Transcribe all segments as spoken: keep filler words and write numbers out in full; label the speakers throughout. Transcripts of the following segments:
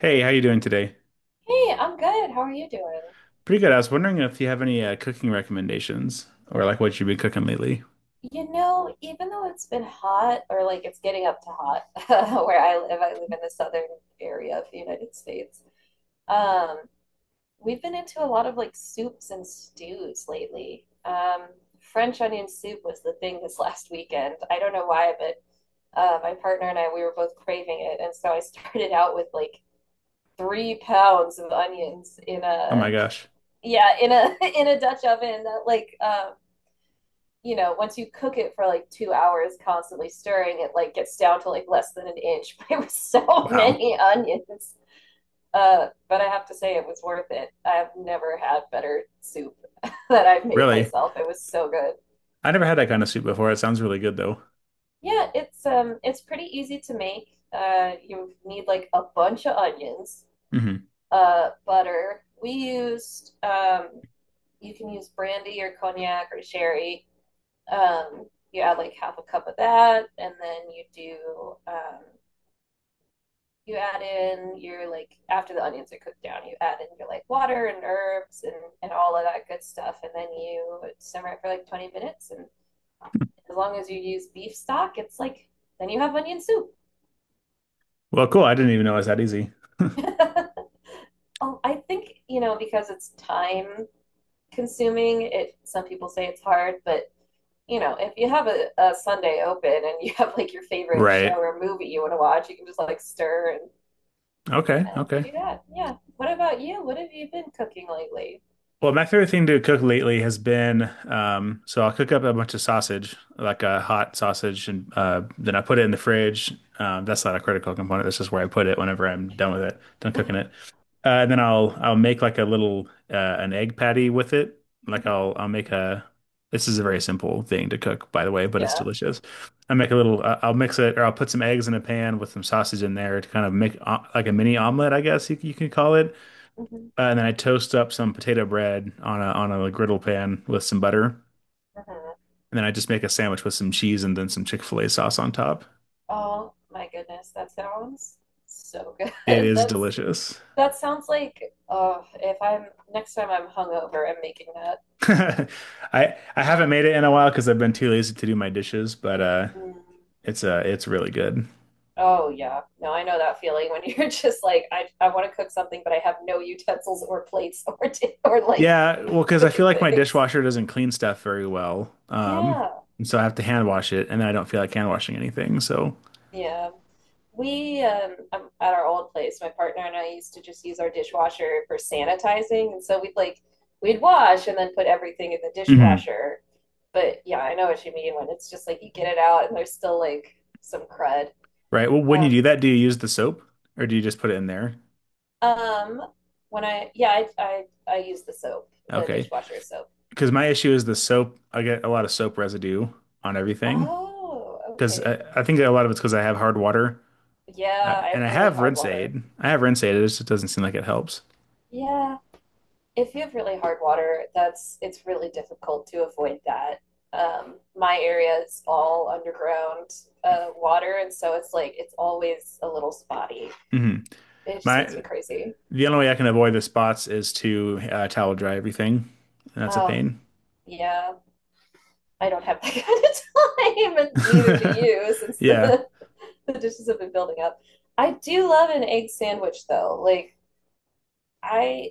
Speaker 1: Hey, how you doing today?
Speaker 2: Hey, I'm good. How are you doing?
Speaker 1: Pretty good. I was wondering if you have any uh, cooking recommendations or like what you've been cooking lately.
Speaker 2: You know, even though it's been hot, or like it's getting up to hot where I live, I live in the southern area of the United States. Um, we've been into a lot of like soups and stews lately. Um, French onion soup was the thing this last weekend. I don't know why, but uh, my partner and I, we were both craving it, and so I started out with like three pounds of onions in
Speaker 1: Oh
Speaker 2: a
Speaker 1: my gosh.
Speaker 2: yeah in a in a Dutch oven that like um you know, once you cook it for like two hours, constantly stirring, it like gets down to like less than an inch. But it was so
Speaker 1: Wow.
Speaker 2: many onions. Uh, but I have to say it was worth it. I've never had better soup that I've made
Speaker 1: Really?
Speaker 2: myself. It was so good.
Speaker 1: I never had that kind of soup before. It sounds really good though.
Speaker 2: Yeah, it's um it's pretty easy to make. Uh, you need like a bunch of onions,
Speaker 1: hmm
Speaker 2: uh, butter. We used um You can use brandy or cognac or sherry. Um, you add like half a cup of that, and then you do um, you add in your like after the onions are cooked down, you add in your like water and herbs and and all of that good stuff, and then you simmer it for like twenty minutes. And as long as you use beef stock, it's like then you have onion soup.
Speaker 1: Well, cool. I didn't even know it was that easy.
Speaker 2: Oh, I think you know because it's thyme consuming. It some people say it's hard, but you know, if you have a, a Sunday open and you have like your favorite show
Speaker 1: Right.
Speaker 2: or movie you want to watch, you can just like stir and,
Speaker 1: Okay.
Speaker 2: and
Speaker 1: Okay.
Speaker 2: do that. Yeah. What about you? What have you been cooking lately?
Speaker 1: Well, my favorite thing to cook lately has been um, so I'll cook up a bunch of sausage, like a hot sausage, and uh, then I put it in the fridge. Um, that's not a critical component. That's just where I put it whenever I'm done with it, done cooking it. Uh, and then I'll I'll make like a little uh, an egg patty with it. Like I'll
Speaker 2: Hmm.
Speaker 1: I'll make a. This is a very simple thing to cook, by the way, but it's
Speaker 2: Yeah.
Speaker 1: delicious. I make a little. Uh, I'll mix it, or I'll put some eggs in a pan with some sausage in there to kind of make uh, like a mini omelet, I guess you, you can call it.
Speaker 2: Hmm.
Speaker 1: Uh, and then I toast up some potato bread on a on a griddle pan with some butter, and
Speaker 2: Hmm.
Speaker 1: then I just make a sandwich with some cheese and then some Chick-fil-A sauce on top.
Speaker 2: Oh my goodness, that sounds so
Speaker 1: It
Speaker 2: good.
Speaker 1: is
Speaker 2: That's
Speaker 1: delicious.
Speaker 2: that sounds like oh, if I'm next time I'm hungover, I'm making that.
Speaker 1: I I haven't made it in a while because I've been too lazy to do my dishes, but uh,
Speaker 2: Mm.
Speaker 1: it's uh, it's really good.
Speaker 2: Oh yeah. No, I know that feeling when you're just like, I I want to cook something, but I have no utensils or plates or t- or like
Speaker 1: Yeah, well, because I feel
Speaker 2: cooking
Speaker 1: like my
Speaker 2: things.
Speaker 1: dishwasher doesn't clean stuff very well, um,
Speaker 2: Yeah.
Speaker 1: and so I have to hand wash it, and then I don't feel like hand washing anything. So,
Speaker 2: Yeah. We um um, At our old place, my partner and I used to just use our dishwasher for sanitizing, and so we'd like we'd wash and then put everything in the
Speaker 1: mhm,
Speaker 2: dishwasher. But yeah, I know what you mean when it's just like you get it out and there's still like some crud.
Speaker 1: right. Well, when you
Speaker 2: Um
Speaker 1: do that, do you use the soap or do you just put it in there?
Speaker 2: um when I yeah, I I I use the soap, the
Speaker 1: Okay.
Speaker 2: dishwasher soap.
Speaker 1: Because my issue is the soap. I get a lot of soap residue on everything
Speaker 2: Oh,
Speaker 1: because
Speaker 2: okay.
Speaker 1: I, I think a lot of it's because I have hard water uh,
Speaker 2: Yeah, I
Speaker 1: and
Speaker 2: have
Speaker 1: I
Speaker 2: really
Speaker 1: have
Speaker 2: hard
Speaker 1: rinse
Speaker 2: water.
Speaker 1: aid. I have rinse aid. It just doesn't seem like it helps.
Speaker 2: Yeah, if you have really hard water, that's it's really difficult to avoid that. Um, my area is all underground uh, water, and so it's like it's always a little spotty.
Speaker 1: Hmm.
Speaker 2: It just makes
Speaker 1: My
Speaker 2: me crazy.
Speaker 1: the only way I can avoid the spots is to uh, towel dry everything, and that's a
Speaker 2: Oh,
Speaker 1: pain.
Speaker 2: yeah, I don't have that kind of time, and neither do you, since
Speaker 1: Yeah,
Speaker 2: the the dishes have been building up. I do love an egg sandwich, though. Like I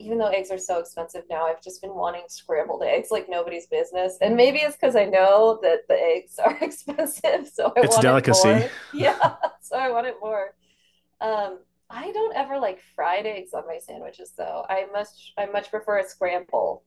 Speaker 2: even though eggs are so expensive now, I've just been wanting scrambled eggs like nobody's business. And maybe it's because I know that the eggs are expensive, so I
Speaker 1: it's a
Speaker 2: want it
Speaker 1: delicacy.
Speaker 2: more. Yeah, so I want it more. Um, I don't ever like fried eggs on my sandwiches though. I much I much prefer a scramble.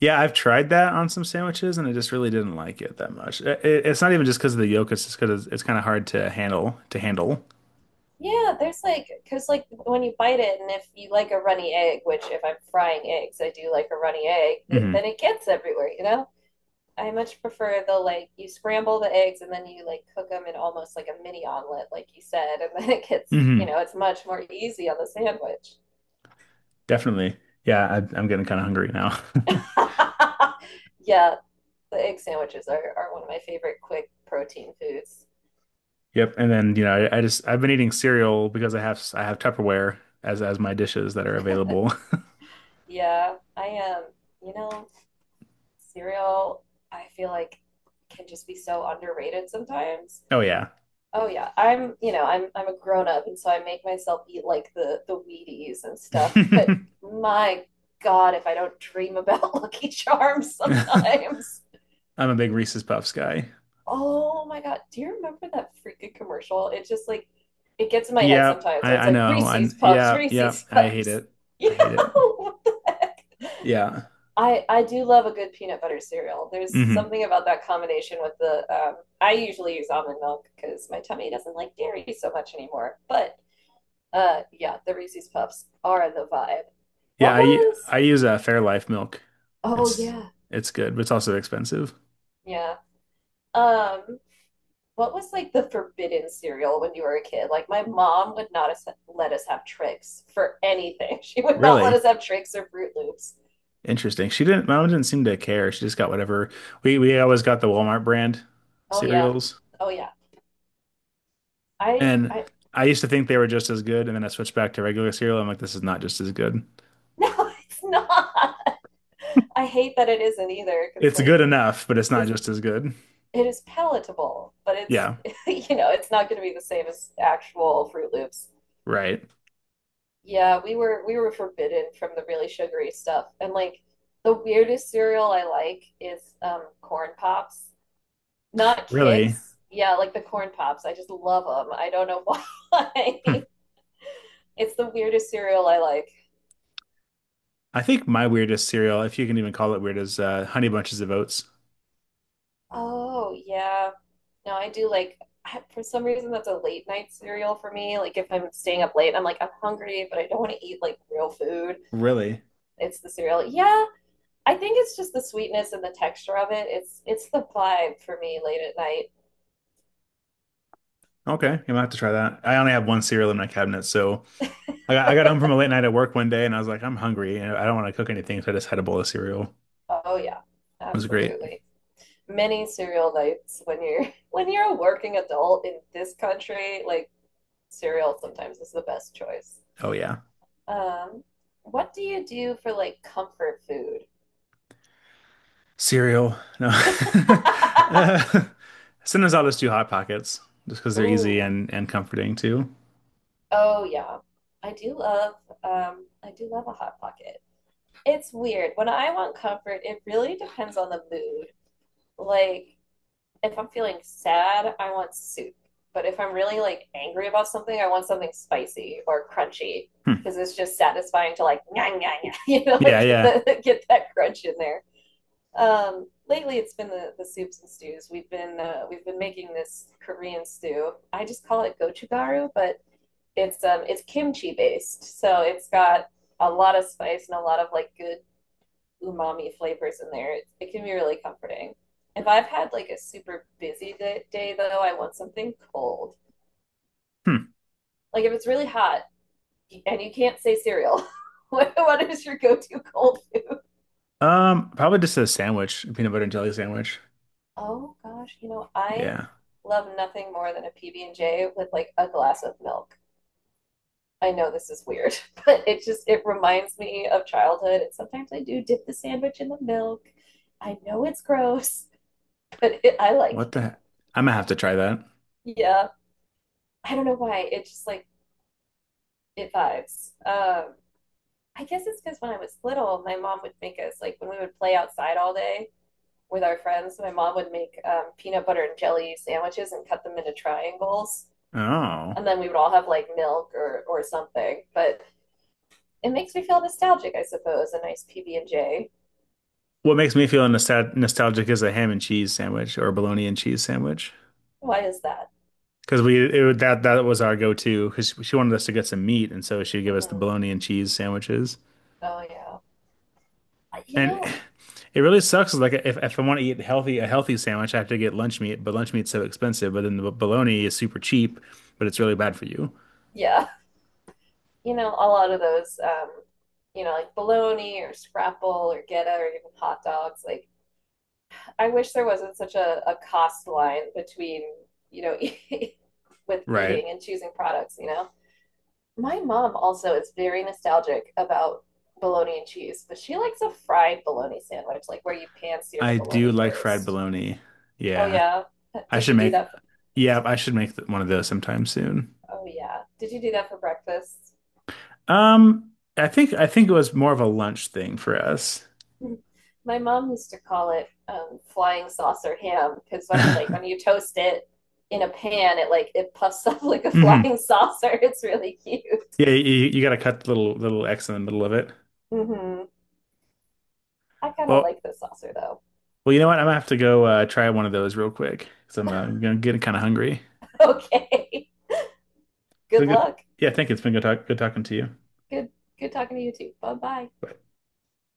Speaker 1: Yeah, I've tried that on some sandwiches and I just really didn't like it that much. It, it's not even just because of the yolk; it's just because it's, it's kind of hard to handle to handle.
Speaker 2: Yeah, there's like because like when you bite it, and if you like a runny egg, which if I'm frying eggs, I do like a runny egg, th-
Speaker 1: Hmm.
Speaker 2: then it gets everywhere, you know? I much prefer the like you scramble the eggs and then you like cook them in almost like a mini omelet, like you said, and then it gets you
Speaker 1: Hmm.
Speaker 2: know it's much more easy on the sandwich.
Speaker 1: Definitely. Yeah, I, I'm getting kind of hungry now.
Speaker 2: Yeah, the egg sandwiches are, are one of my favorite quick protein foods.
Speaker 1: Yep. And then, you know, I, I just I've been eating cereal because I have I have Tupperware as as my dishes that are available.
Speaker 2: Yeah, I am. You know cereal. I feel like can just be so underrated sometimes.
Speaker 1: Oh yeah.
Speaker 2: Oh yeah, I'm, you know, I'm I'm a grown up and so I make myself eat like the the Wheaties and stuff, but
Speaker 1: I'm
Speaker 2: my God, if I don't dream about Lucky Charms sometimes.
Speaker 1: a big Reese's Puffs guy.
Speaker 2: Oh my God, do you remember that freaking commercial? It just like it gets in my head
Speaker 1: Yep,
Speaker 2: sometimes, or
Speaker 1: I
Speaker 2: it's
Speaker 1: I
Speaker 2: like
Speaker 1: know. I
Speaker 2: Reese's Puffs,
Speaker 1: yeah, yeah,
Speaker 2: Reese's
Speaker 1: I hate
Speaker 2: Puffs.
Speaker 1: it.
Speaker 2: You
Speaker 1: I hate it.
Speaker 2: know, what the heck?
Speaker 1: Yeah.
Speaker 2: I I do love a good peanut butter cereal. There's
Speaker 1: Hmm.
Speaker 2: something about that combination with the um, I usually use almond milk because my tummy doesn't like dairy so much anymore, but uh, yeah, the Reese's Puffs are the vibe.
Speaker 1: Yeah,
Speaker 2: What
Speaker 1: I
Speaker 2: was?
Speaker 1: I use a Fairlife milk.
Speaker 2: Oh
Speaker 1: It's
Speaker 2: yeah,
Speaker 1: it's good, but it's also expensive.
Speaker 2: yeah. Um, what was like the forbidden cereal when you were a kid? Like my mom would not us- let us have tricks for anything. She would not let
Speaker 1: Really?
Speaker 2: us have tricks or Fruit Loops.
Speaker 1: Interesting. She didn't, mom didn't seem to care. She just got whatever. We we always got the Walmart brand
Speaker 2: Oh yeah,
Speaker 1: cereals.
Speaker 2: oh yeah. I
Speaker 1: And
Speaker 2: I
Speaker 1: I used to think they were just as good, and then I switched back to regular cereal. I'm like, this is not just as good.
Speaker 2: no, it's not. I hate that it isn't either because
Speaker 1: It's
Speaker 2: like
Speaker 1: good enough, but it's not
Speaker 2: it's
Speaker 1: just as good.
Speaker 2: it is palatable, but it's
Speaker 1: Yeah,
Speaker 2: you know it's not going to be the same as actual Fruit Loops.
Speaker 1: right.
Speaker 2: Yeah, we were we were forbidden from the really sugary stuff. And like the weirdest cereal I like is um corn pops. Not
Speaker 1: Really?
Speaker 2: Kix. Yeah, like the corn pops. I just love them. I don't know
Speaker 1: Hmm.
Speaker 2: why. It's the weirdest cereal I like.
Speaker 1: I think my weirdest cereal, if you can even call it weird, is uh, Honey Bunches of Oats.
Speaker 2: Oh, yeah. No, I do like I- for some reason that's a late night cereal for me. Like if I'm staying up late, I'm like I'm hungry, but I don't want to eat like real food.
Speaker 1: Really?
Speaker 2: It's the cereal. Yeah, I think it's just the sweetness and the texture of it. It's it's the vibe for me late at night.
Speaker 1: Okay, I'm gonna have to try that. I only have one cereal in my cabinet, so I got, I got home from a late night at work one day, and I was like, I'm hungry, and I don't want to cook anything, so I just had a bowl of cereal. It
Speaker 2: Oh yeah,
Speaker 1: was great.
Speaker 2: absolutely. Many cereal nights when you're when you're a working adult in this country, like cereal sometimes is the best choice.
Speaker 1: Oh yeah.
Speaker 2: Um, what do you do for like comfort food?
Speaker 1: Cereal. No. uh, sometimes I'll just do Hot Pockets just because they're easy
Speaker 2: Ooh,
Speaker 1: and, and comforting too.
Speaker 2: oh yeah. I do love um I do love a hot pocket. It's weird. When I want comfort, it really depends on the mood. Like if I'm feeling sad, I want soup. But if I'm really like angry about something, I want something spicy or crunchy
Speaker 1: Hmm.
Speaker 2: because it's just satisfying to like nyah, nyah, nyah, you know,
Speaker 1: Yeah,
Speaker 2: like get
Speaker 1: yeah.
Speaker 2: the get that crunch in there. Um, lately, it's been the, the soups and stews. We've been uh, we've been making this Korean stew. I just call it gochugaru, but it's um it's kimchi based, so it's got a lot of spice and a lot of like good umami flavors in there. It, it can be really comforting. If I've had like a super busy day, day though, I want something cold.
Speaker 1: Hmm.
Speaker 2: Like if it's really hot and you can't say cereal, what, what is your go-to cold food?
Speaker 1: Um, probably just a sandwich, a peanut butter and jelly sandwich.
Speaker 2: Oh gosh, you know I
Speaker 1: Yeah.
Speaker 2: love nothing more than a P B and J with like a glass of milk. I know this is weird, but it just it reminds me of childhood. And sometimes I do dip the sandwich in the milk. I know it's gross, but it, I like
Speaker 1: What
Speaker 2: it.
Speaker 1: the? I'm gonna have to try that.
Speaker 2: Yeah, I don't know why. It just like it vibes. Um, I guess it's because when I was little, my mom would make us like when we would play outside all day with our friends. My mom would make um, peanut butter and jelly sandwiches and cut them into triangles,
Speaker 1: Oh.
Speaker 2: and then we would all have like milk or or something. But it makes me feel nostalgic, I suppose. A nice P B and J.
Speaker 1: What makes me feel nostal nostalgic is a ham and cheese sandwich or a bologna and cheese sandwich.
Speaker 2: Why is that?
Speaker 1: Because we it, was- that that was our go-to because she wanted us to get some meat and so she'd give us the
Speaker 2: Hmm.
Speaker 1: bologna and cheese sandwiches.
Speaker 2: Oh yeah. I- You
Speaker 1: And
Speaker 2: know.
Speaker 1: it really sucks. Like if, if I want to eat healthy, a healthy sandwich, I have to get lunch meat, but lunch meat's so expensive. But then the
Speaker 2: Mhm.
Speaker 1: bologna is super cheap, but it's really
Speaker 2: Mhm.
Speaker 1: bad for you.
Speaker 2: Yeah. You know, a lot of those, um, you know, like bologna or scrapple or geta or even hot dogs, like I wish there wasn't such a, a cost line between, you know, with
Speaker 1: Right.
Speaker 2: eating and choosing products, you know? My mom also is very nostalgic about bologna and cheese, but she likes a fried bologna sandwich, like where you pan sear the
Speaker 1: I do
Speaker 2: bologna
Speaker 1: like fried
Speaker 2: first.
Speaker 1: bologna.
Speaker 2: Oh,
Speaker 1: Yeah.
Speaker 2: yeah.
Speaker 1: I
Speaker 2: Did
Speaker 1: should
Speaker 2: you do
Speaker 1: make,
Speaker 2: that? For,
Speaker 1: yeah, I should make one of those sometime soon.
Speaker 2: oh, yeah. Did you do that for breakfast?
Speaker 1: Um, I think I think it was more of a lunch thing for us.
Speaker 2: My mom used to call it um, flying saucer ham because when you like when
Speaker 1: hmm
Speaker 2: you toast it in a pan, it like it puffs up like a
Speaker 1: Yeah,
Speaker 2: flying saucer. It's really cute.
Speaker 1: you, you got to cut the little little X in the middle of it.
Speaker 2: Hmm. I kind of
Speaker 1: Well,
Speaker 2: like this saucer though.
Speaker 1: well, you know what? I'm gonna have to go uh, try one of those real quick because I'm, uh, I'm gonna get kind of hungry.
Speaker 2: Okay.
Speaker 1: It's
Speaker 2: Good
Speaker 1: been good.
Speaker 2: luck.
Speaker 1: Yeah, thank you. It's been good talk, good talking to you.
Speaker 2: Good good talking to you too. Bye bye.
Speaker 1: Bye.